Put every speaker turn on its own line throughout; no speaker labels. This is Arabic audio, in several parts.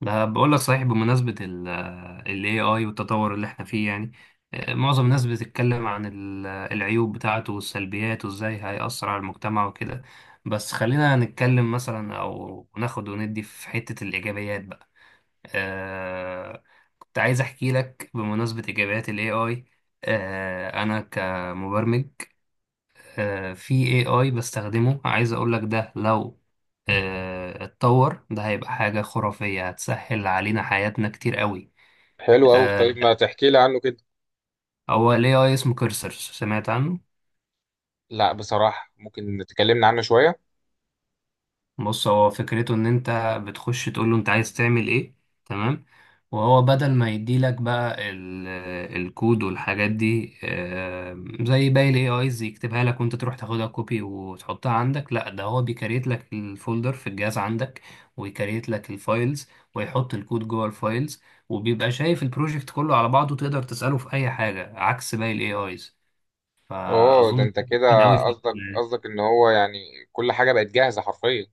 ده بقول لك صحيح بمناسبة ال AI والتطور اللي احنا فيه يعني. معظم الناس بتتكلم عن العيوب بتاعته والسلبيات وازاي هيأثر على المجتمع وكده. بس خلينا نتكلم مثلا او ناخد وندي في حتة الإيجابيات بقى. آه، كنت عايز احكي لك بمناسبة إيجابيات ال AI. انا كمبرمج، في AI بستخدمه، عايز أقولك ده لو اتطور ده هيبقى حاجة خرافية، هتسهل علينا حياتنا كتير قوي.
حلو أوي.
آه،
طيب ما تحكي لي عنه كده.
هو ال AI اسمه كيرسر، سمعت عنه؟
لا بصراحة، ممكن تكلمنا عنه شوية.
بص، هو فكرته ان انت بتخش تقول له انت عايز تعمل ايه، تمام، وهو بدل ما يديلك بقى الكود والحاجات دي، زي باقي الاي ايز يكتبها لك وانت تروح تاخدها كوبي وتحطها عندك، لا ده هو بيكريت لك الفولدر في الجهاز عندك، ويكريت لك الفايلز، ويحط الكود جوه الفايلز، وبيبقى شايف البروجكت كله على بعضه، تقدر تسأله في اي حاجة عكس باقي الاي ايز.
اوه
فاظن
ده انت كده،
مفيد قوي في المجال
قصدك
ده.
قصدك ان هو يعني كل حاجة بقت جاهزة حرفيا.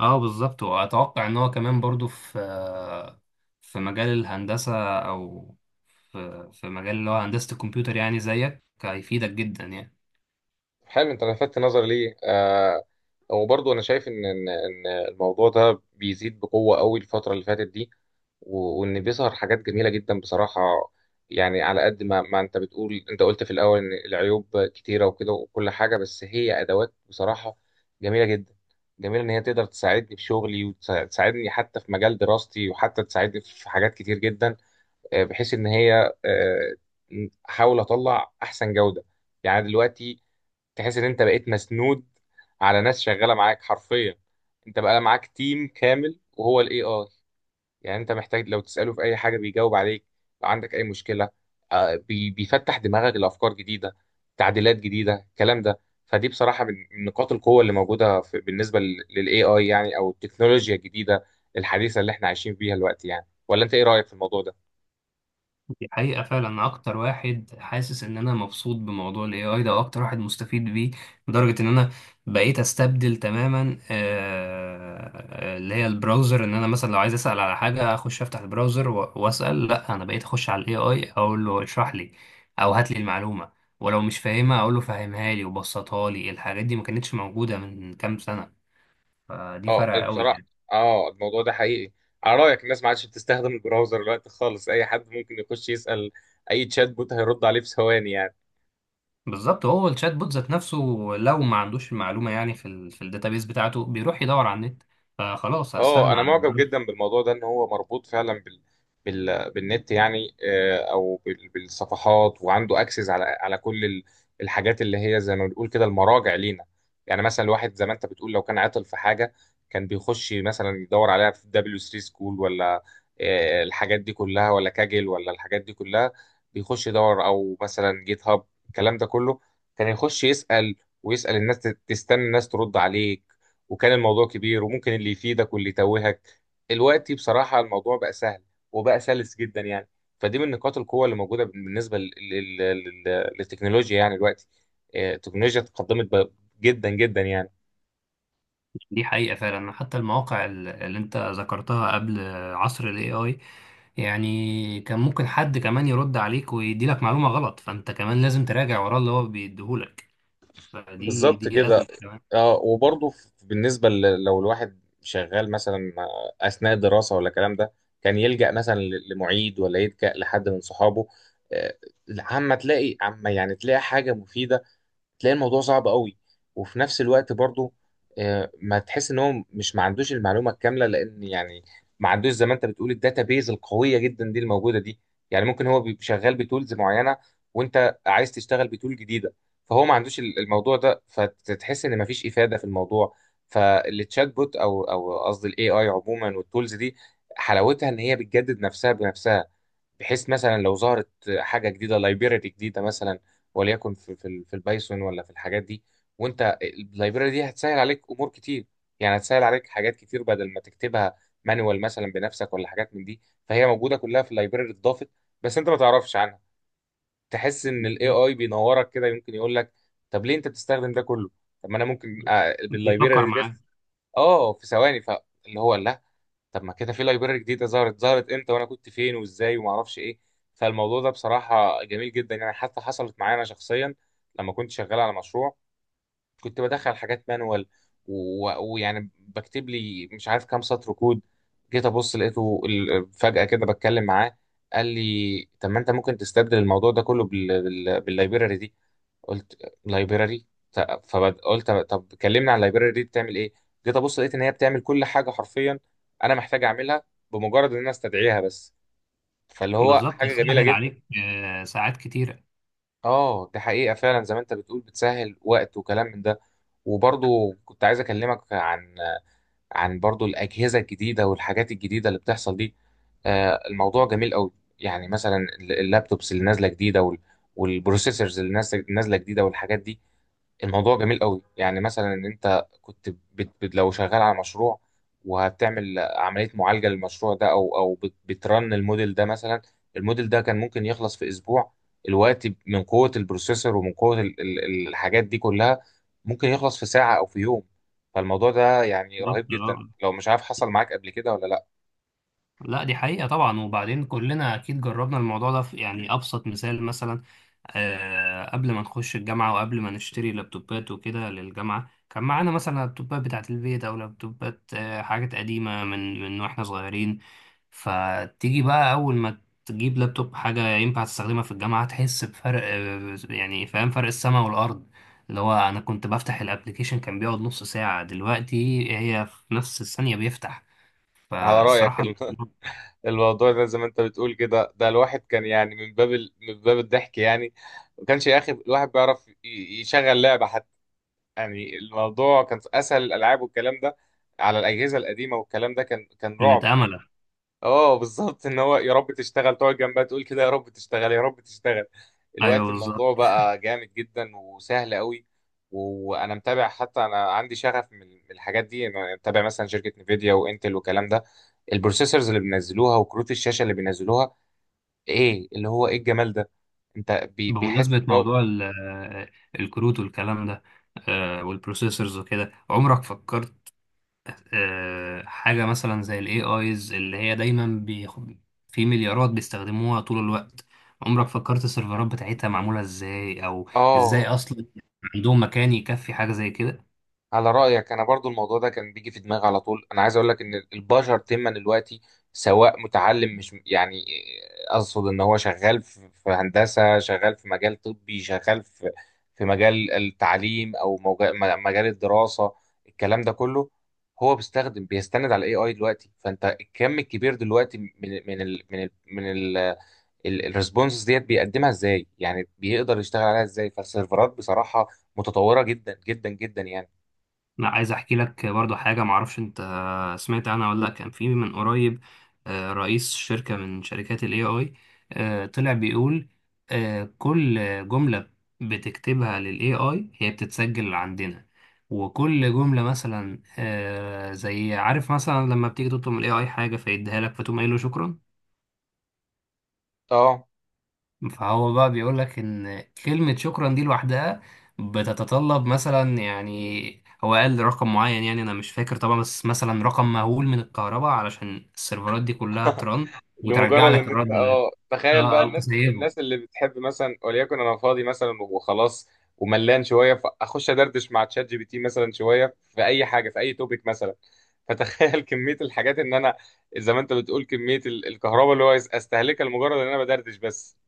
اه بالظبط، واتوقع ان هو كمان برضو في في مجال الهندسه، او في مجال اللي هو هندسه الكمبيوتر، يعني زيك هيفيدك جدا يعني.
حلو، انت لفتت نظري ليه. وبرضه انا شايف ان ان إن الموضوع ده بيزيد بقوة قوي الفترة اللي فاتت دي، وان بيظهر حاجات جميله جدا بصراحه. يعني على قد ما انت بتقول، انت قلت في الاول ان العيوب كتيره وكده وكل حاجه، بس هي ادوات بصراحه جميله جدا. جميله ان هي تقدر تساعدني في شغلي، وتساعدني حتى في مجال دراستي، وحتى تساعدني في حاجات كتير جدا. بحيث ان هي احاول اطلع احسن جوده يعني. دلوقتي تحس ان انت بقيت مسنود على ناس شغاله معاك حرفيا. انت بقى معاك تيم كامل وهو الاي اي. يعني انت محتاج لو تسأله في اي حاجة بيجاوب عليك. لو عندك اي مشكلة، بيفتح دماغك لأفكار جديدة، تعديلات جديدة، الكلام ده. فدي بصراحة من نقاط القوة اللي موجودة في بالنسبة لل AI، يعني او التكنولوجيا الجديدة الحديثة اللي احنا عايشين فيها دلوقتي يعني. ولا انت ايه رأيك في الموضوع ده؟
دي حقيقة فعلا، أنا أكتر واحد حاسس إن أنا مبسوط بموضوع ال AI ده وأكتر واحد مستفيد بيه، لدرجة إن أنا بقيت أستبدل تماما اللي هي البراوزر، إن أنا مثلا لو عايز أسأل على حاجة أخش أفتح البراوزر و- وأسأل، لأ، أنا بقيت أخش على ال AI أقول له اشرح لي أو هات لي المعلومة، ولو مش فاهمها أقول له فهمها لي وبسطها لي. الحاجات دي ما كانتش موجودة من كام سنة، فدي
اه
فرق أوي
بصراحة،
يعني.
اه الموضوع ده حقيقي. على رأيك، الناس ما عادش بتستخدم البراوزر دلوقتي خالص. اي حد ممكن يخش يسأل اي تشات بوت هيرد عليه في ثواني يعني.
بالظبط، هو الشات بوت ذات نفسه لو ما عندوش المعلومه، يعني في الداتابيس بتاعته بيروح يدور على النت، فخلاص
اه
هستغنى
انا
عن
معجب
البرامج.
جدا بالموضوع ده، ان هو مربوط فعلا بالنت يعني، او بالصفحات، وعنده اكسس على كل الحاجات اللي هي زي ما بنقول كده المراجع لينا. يعني مثلا الواحد زي ما انت بتقول، لو كان عاطل في حاجه، كان بيخش مثلا يدور عليها في دبليو 3 سكول، ولا الحاجات دي كلها، ولا كاجل، ولا الحاجات دي كلها. بيخش يدور، او مثلا جيت هاب، الكلام ده كله. كان يخش يسأل ويسأل الناس، تستنى الناس ترد عليه، وكان الموضوع كبير، وممكن اللي يفيدك واللي يتوهك. دلوقتي بصراحة الموضوع بقى سهل، وبقى سلس جدا يعني. فدي من نقاط القوة اللي موجودة بالنسبة للتكنولوجيا يعني دلوقتي. التكنولوجيا تقدمت جدا جدا يعني.
دي حقيقه فعلا، حتى المواقع اللي انت ذكرتها قبل عصر الاي اي، يعني كان ممكن حد كمان يرد عليك ويدي لك معلومه غلط، فانت كمان لازم تراجع وراه اللي هو بيديهولك، فدي
بالظبط
دي
كده.
ازمه كمان.
اه وبرضه بالنسبة لو الواحد شغال مثلا، أثناء الدراسة ولا الكلام ده، كان يلجأ مثلا لمعيد، ولا يلجأ لحد من صحابه. آه، عما تلاقي، عما يعني تلاقي حاجة مفيدة، تلاقي الموضوع صعب قوي. وفي نفس الوقت برضو ما تحس ان هو مش، ما عندوش المعلومه الكامله، لان يعني ما عندوش زي ما انت بتقول الداتابيز القويه جدا دي الموجوده دي. يعني ممكن هو بيبقى شغال بتولز معينه، وانت عايز تشتغل بتول جديده، فهو ما عندوش الموضوع ده، فتحس ان ما فيش افاده في الموضوع. فالتشات بوت او او قصدي الاي اي عموما والتولز دي، حلاوتها ان هي بتجدد نفسها بنفسها. بحيث مثلا لو ظهرت حاجه جديده، لايبراري جديده مثلا، وليكن في في البايثون ولا في الحاجات دي، وانت اللايبراري دي هتسهل عليك امور كتير. يعني هتسهل عليك حاجات كتير بدل ما تكتبها مانوال مثلا بنفسك، ولا حاجات من دي. فهي موجوده كلها في اللايبراري، اتضافت بس انت ما تعرفش عنها. تحس ان الاي اي بينورك كده، يمكن يقول لك طب ليه انت بتستخدم ده كله؟ طب ما انا ممكن
بيفكر
باللايبراري دي
معاك.
بس. اه في ثواني. فاللي هو لا، طب ما كده في لايبراري جديده ظهرت امتى؟ وانا كنت فين وازاي وما اعرفش ايه؟ فالموضوع ده بصراحه جميل جدا يعني. حتى حصلت معايا انا شخصيا، لما كنت شغال على مشروع، كنت بدخل حاجات مانوال، ويعني بكتب لي مش عارف كام سطر كود. جيت ابص لقيته فجاه كده بتكلم معاه، قال لي طب ما انت ممكن تستبدل الموضوع ده كله باللايبراري دي. قلت لايبراري؟ فقلت طب كلمني عن اللايبراري دي بتعمل ايه. جيت ابص لقيت ان هي بتعمل كل حاجه حرفيا انا محتاج اعملها، بمجرد ان انا استدعيها بس. فاللي هو
بالظبط،
حاجه جميله
سهل
جدا.
عليك ساعات كتيره.
اه دي حقيقه فعلا، زي ما انت بتقول بتسهل وقت وكلام من ده. وبرضو كنت عايز اكلمك عن برضو الاجهزه الجديده والحاجات الجديده اللي بتحصل دي. الموضوع جميل قوي. يعني مثلا اللابتوبس اللي نازله جديده، والبروسيسورز اللي نازلة جديده والحاجات دي. الموضوع جميل قوي يعني. مثلا ان انت كنت لو شغال على مشروع وهتعمل عملية معالجة للمشروع ده، او او بترن الموديل ده مثلا، الموديل ده كان ممكن يخلص في اسبوع الوقت. من قوة البروسيسور ومن قوة الحاجات دي كلها، ممكن يخلص في ساعة او في يوم. فالموضوع ده يعني
بالظبط.
رهيب جدا، لو مش عارف حصل معاك قبل كده ولا لا.
لا، دي حقيقة طبعا، وبعدين كلنا أكيد جربنا الموضوع ده في يعني أبسط مثال. مثلا قبل ما نخش الجامعة وقبل ما نشتري لابتوبات وكده للجامعة، كان معانا مثلا لابتوبات بتاعة البيت أو لابتوبات حاجات قديمة من وإحنا صغيرين، فتيجي بقى أول ما تجيب لابتوب حاجة ينفع تستخدمها في الجامعة تحس بفرق يعني، فاهم، فرق السماء والأرض. اللي هو أنا كنت بفتح الأبليكيشن كان بيقعد نص ساعة، دلوقتي هي في نفس الثانية بيفتح،
على رأيك
فالصراحة
الموضوع ده زي ما انت بتقول كده، ده الواحد كان يعني من باب الضحك يعني. ما كانش يا اخي الواحد بيعرف يشغل لعبة يعني. الموضوع كان في اسهل الالعاب والكلام ده على الاجهزه القديمه، والكلام ده كان
كانت
رعب يعني.
أملة.
اه بالظبط، ان هو يا رب تشتغل. تقعد جنبها تقول كده، يا رب تشتغل، يا رب تشتغل.
أيوه
الوقت
بالظبط.
الموضوع بقى جامد جدا وسهل قوي. وانا متابع حتى، انا عندي شغف من الحاجات دي. انا متابع مثلا شركه نفيديا وانتل والكلام ده، البروسيسورز اللي بينزلوها وكروت الشاشه اللي بينزلوها، ايه اللي هو ايه الجمال ده. انت بيحس
بمناسبة
ان هو
موضوع الكروت والكلام ده، والبروسيسورز وكده، عمرك فكرت حاجة مثلا زي ال AIs اللي هي دايما في مليارات بيستخدموها طول الوقت؟ عمرك فكرت السيرفرات بتاعتها معمولة ازاي؟ أو
اه.
ازاي أصلا عندهم مكان يكفي حاجة زي كده؟
على رأيك أنا برضو الموضوع ده كان بيجي في دماغي على طول. أنا عايز أقول لك إن البشر تما دلوقتي، سواء متعلم مش يعني، أقصد إن هو شغال في هندسة، شغال في مجال طبي، شغال في مجال التعليم، أو مجال الدراسة، الكلام ده كله، هو بيستخدم بيستند على الاي اي دلوقتي. فانت الكم الكبير دلوقتي من ال من ال من الريسبونسز، ديت بيقدمها ازاي يعني؟ بيقدر يشتغل عليها ازاي؟ فالسيرفرات بصراحة متطورة جدا جدا جدا يعني.
لا، عايز احكي لك برضو حاجه، معرفش انت سمعت عنها ولا لا. كان في من قريب رئيس شركه من شركات الاي اي طلع بيقول كل جمله بتكتبها للاي اي هي بتتسجل عندنا، وكل جمله مثلا زي عارف مثلا لما بتيجي تطلب من الاي اي حاجه فيديها لك فتقوم قايل له شكرا،
اه
فهو بقى بيقول لك ان كلمة شكرا دي لوحدها بتتطلب مثلا، يعني هو قال رقم معين، يعني انا مش فاكر طبعا، بس مثلا رقم مهول من الكهرباء علشان السيرفرات دي كلها ترن وترجع
لمجرد
لك
ان انت،
الرد ده.
اه تخيل
اه،
بقى
او
الناس
تسيبه.
الناس اللي بتحب، مثلا وليكن انا فاضي مثلا وخلاص، وملان شويه، فاخش ادردش مع تشات جي بي تي مثلا شويه في اي حاجه، في اي توبيك مثلا. فتخيل كميه الحاجات، ان انا زي ما انت بتقول، كميه الكهرباء اللي هو استهلكها لمجرد ان انا بدردش بس.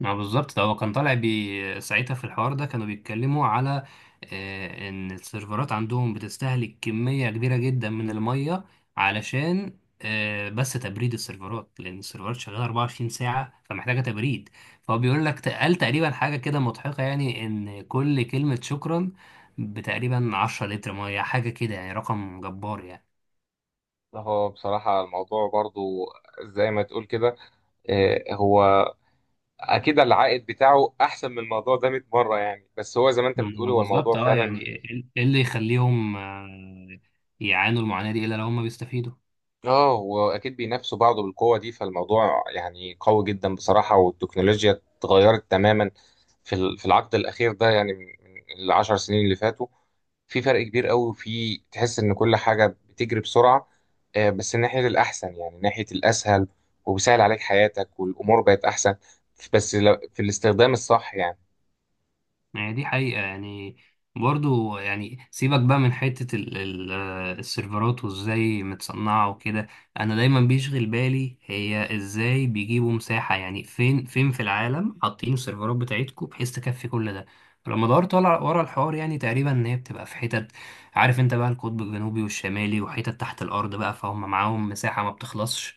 ما بالظبط، ده هو كان طالع بي ساعتها في الحوار ده، كانوا بيتكلموا على ان السيرفرات عندهم بتستهلك كمية كبيرة جدا من المية، علشان بس تبريد السيرفرات، لان السيرفرات شغالة 24 ساعة فمحتاجة تبريد. فهو بيقول لك قال تقريبا حاجة كده مضحكة، يعني ان كل كلمة شكرا بتقريبا 10 لتر مية، حاجة كده يعني، رقم جبار يعني.
هو بصراحة الموضوع برضو، زي ما تقول كده، هو أكيد العائد بتاعه أحسن من الموضوع ده 100 مرة يعني، بس هو زي ما أنت بتقول،
ما
هو
بالظبط.
الموضوع
اه، يعني
فعلا.
ايه، إيه اللي يخليهم يعانوا المعاناة دي الا لو هم بيستفيدوا؟
اه واكيد بينافسوا بعض بالقوه دي، فالموضوع يعني قوي جدا بصراحه. والتكنولوجيا اتغيرت تماما في في العقد الاخير ده يعني، من 10 سنين اللي فاتوا في فرق كبير قوي. في تحس ان كل حاجه بتجري بسرعه، بس ناحيه الاحسن يعني، ناحيه الاسهل، وبيسهل عليك حياتك والامور بقت احسن. بس في الاستخدام الصح يعني.
يعني دي حقيقة يعني. برضو يعني سيبك بقى من حتة السيرفرات وازاي متصنعة وكده. انا دايما بيشغل بالي هي ازاي بيجيبوا مساحة، يعني فين فين في العالم حاطين السيرفرات بتاعتكم بحيث تكفي كل ده؟ فلما دورت ورا ورا الحوار، يعني تقريبا ان هي بتبقى في حتت، عارف انت بقى، القطب الجنوبي والشمالي وحتت تحت الارض بقى، فهم معاهم مساحة ما بتخلصش،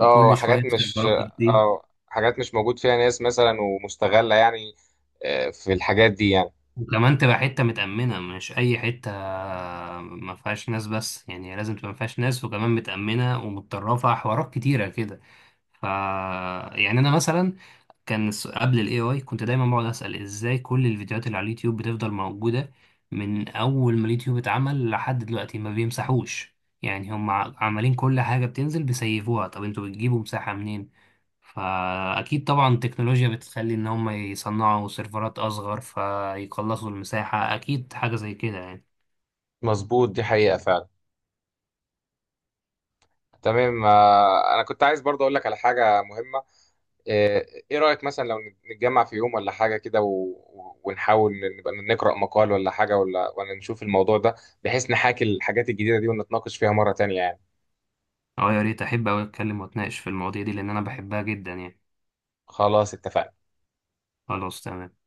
اه حاجات
شوية
مش
السيرفرات بتزيد.
اه حاجات مش موجود فيها ناس مثلا ومستغله يعني في الحاجات دي يعني.
وكمان تبقى حتة متأمنة، مش أي حتة ما فيهاش ناس بس، يعني لازم تبقى ما فيهاش ناس وكمان متأمنة ومتطرفة حوارات كتيرة كده. ف يعني أنا مثلا كان قبل ال AI كنت دايما بقعد أسأل إزاي كل الفيديوهات اللي على اليوتيوب بتفضل موجودة من أول ما اليوتيوب اتعمل لحد دلوقتي ما بيمسحوش. يعني هم عمالين كل حاجة بتنزل بيسيفوها، طب انتوا بتجيبوا مساحة منين؟ فأكيد طبعا التكنولوجيا بتخلي إن هم يصنعوا سيرفرات أصغر فيقلصوا المساحة، أكيد حاجة زي كده يعني.
مظبوط، دي حقيقه فعلا. تمام، انا كنت عايز برضه اقول لك على حاجه مهمه. آه، ايه رايك مثلا لو نتجمع في يوم ولا حاجه كده، ونحاول نبقى نقرا مقال ولا حاجه، ولا نشوف الموضوع ده، بحيث نحاكي الحاجات الجديده دي ونتناقش فيها مره تانية يعني.
أه، يا ريت، أحب أوي أتكلم وأتناقش في المواضيع دي لأن أنا بحبها جدا يعني.
خلاص اتفقنا.
خلاص تمام.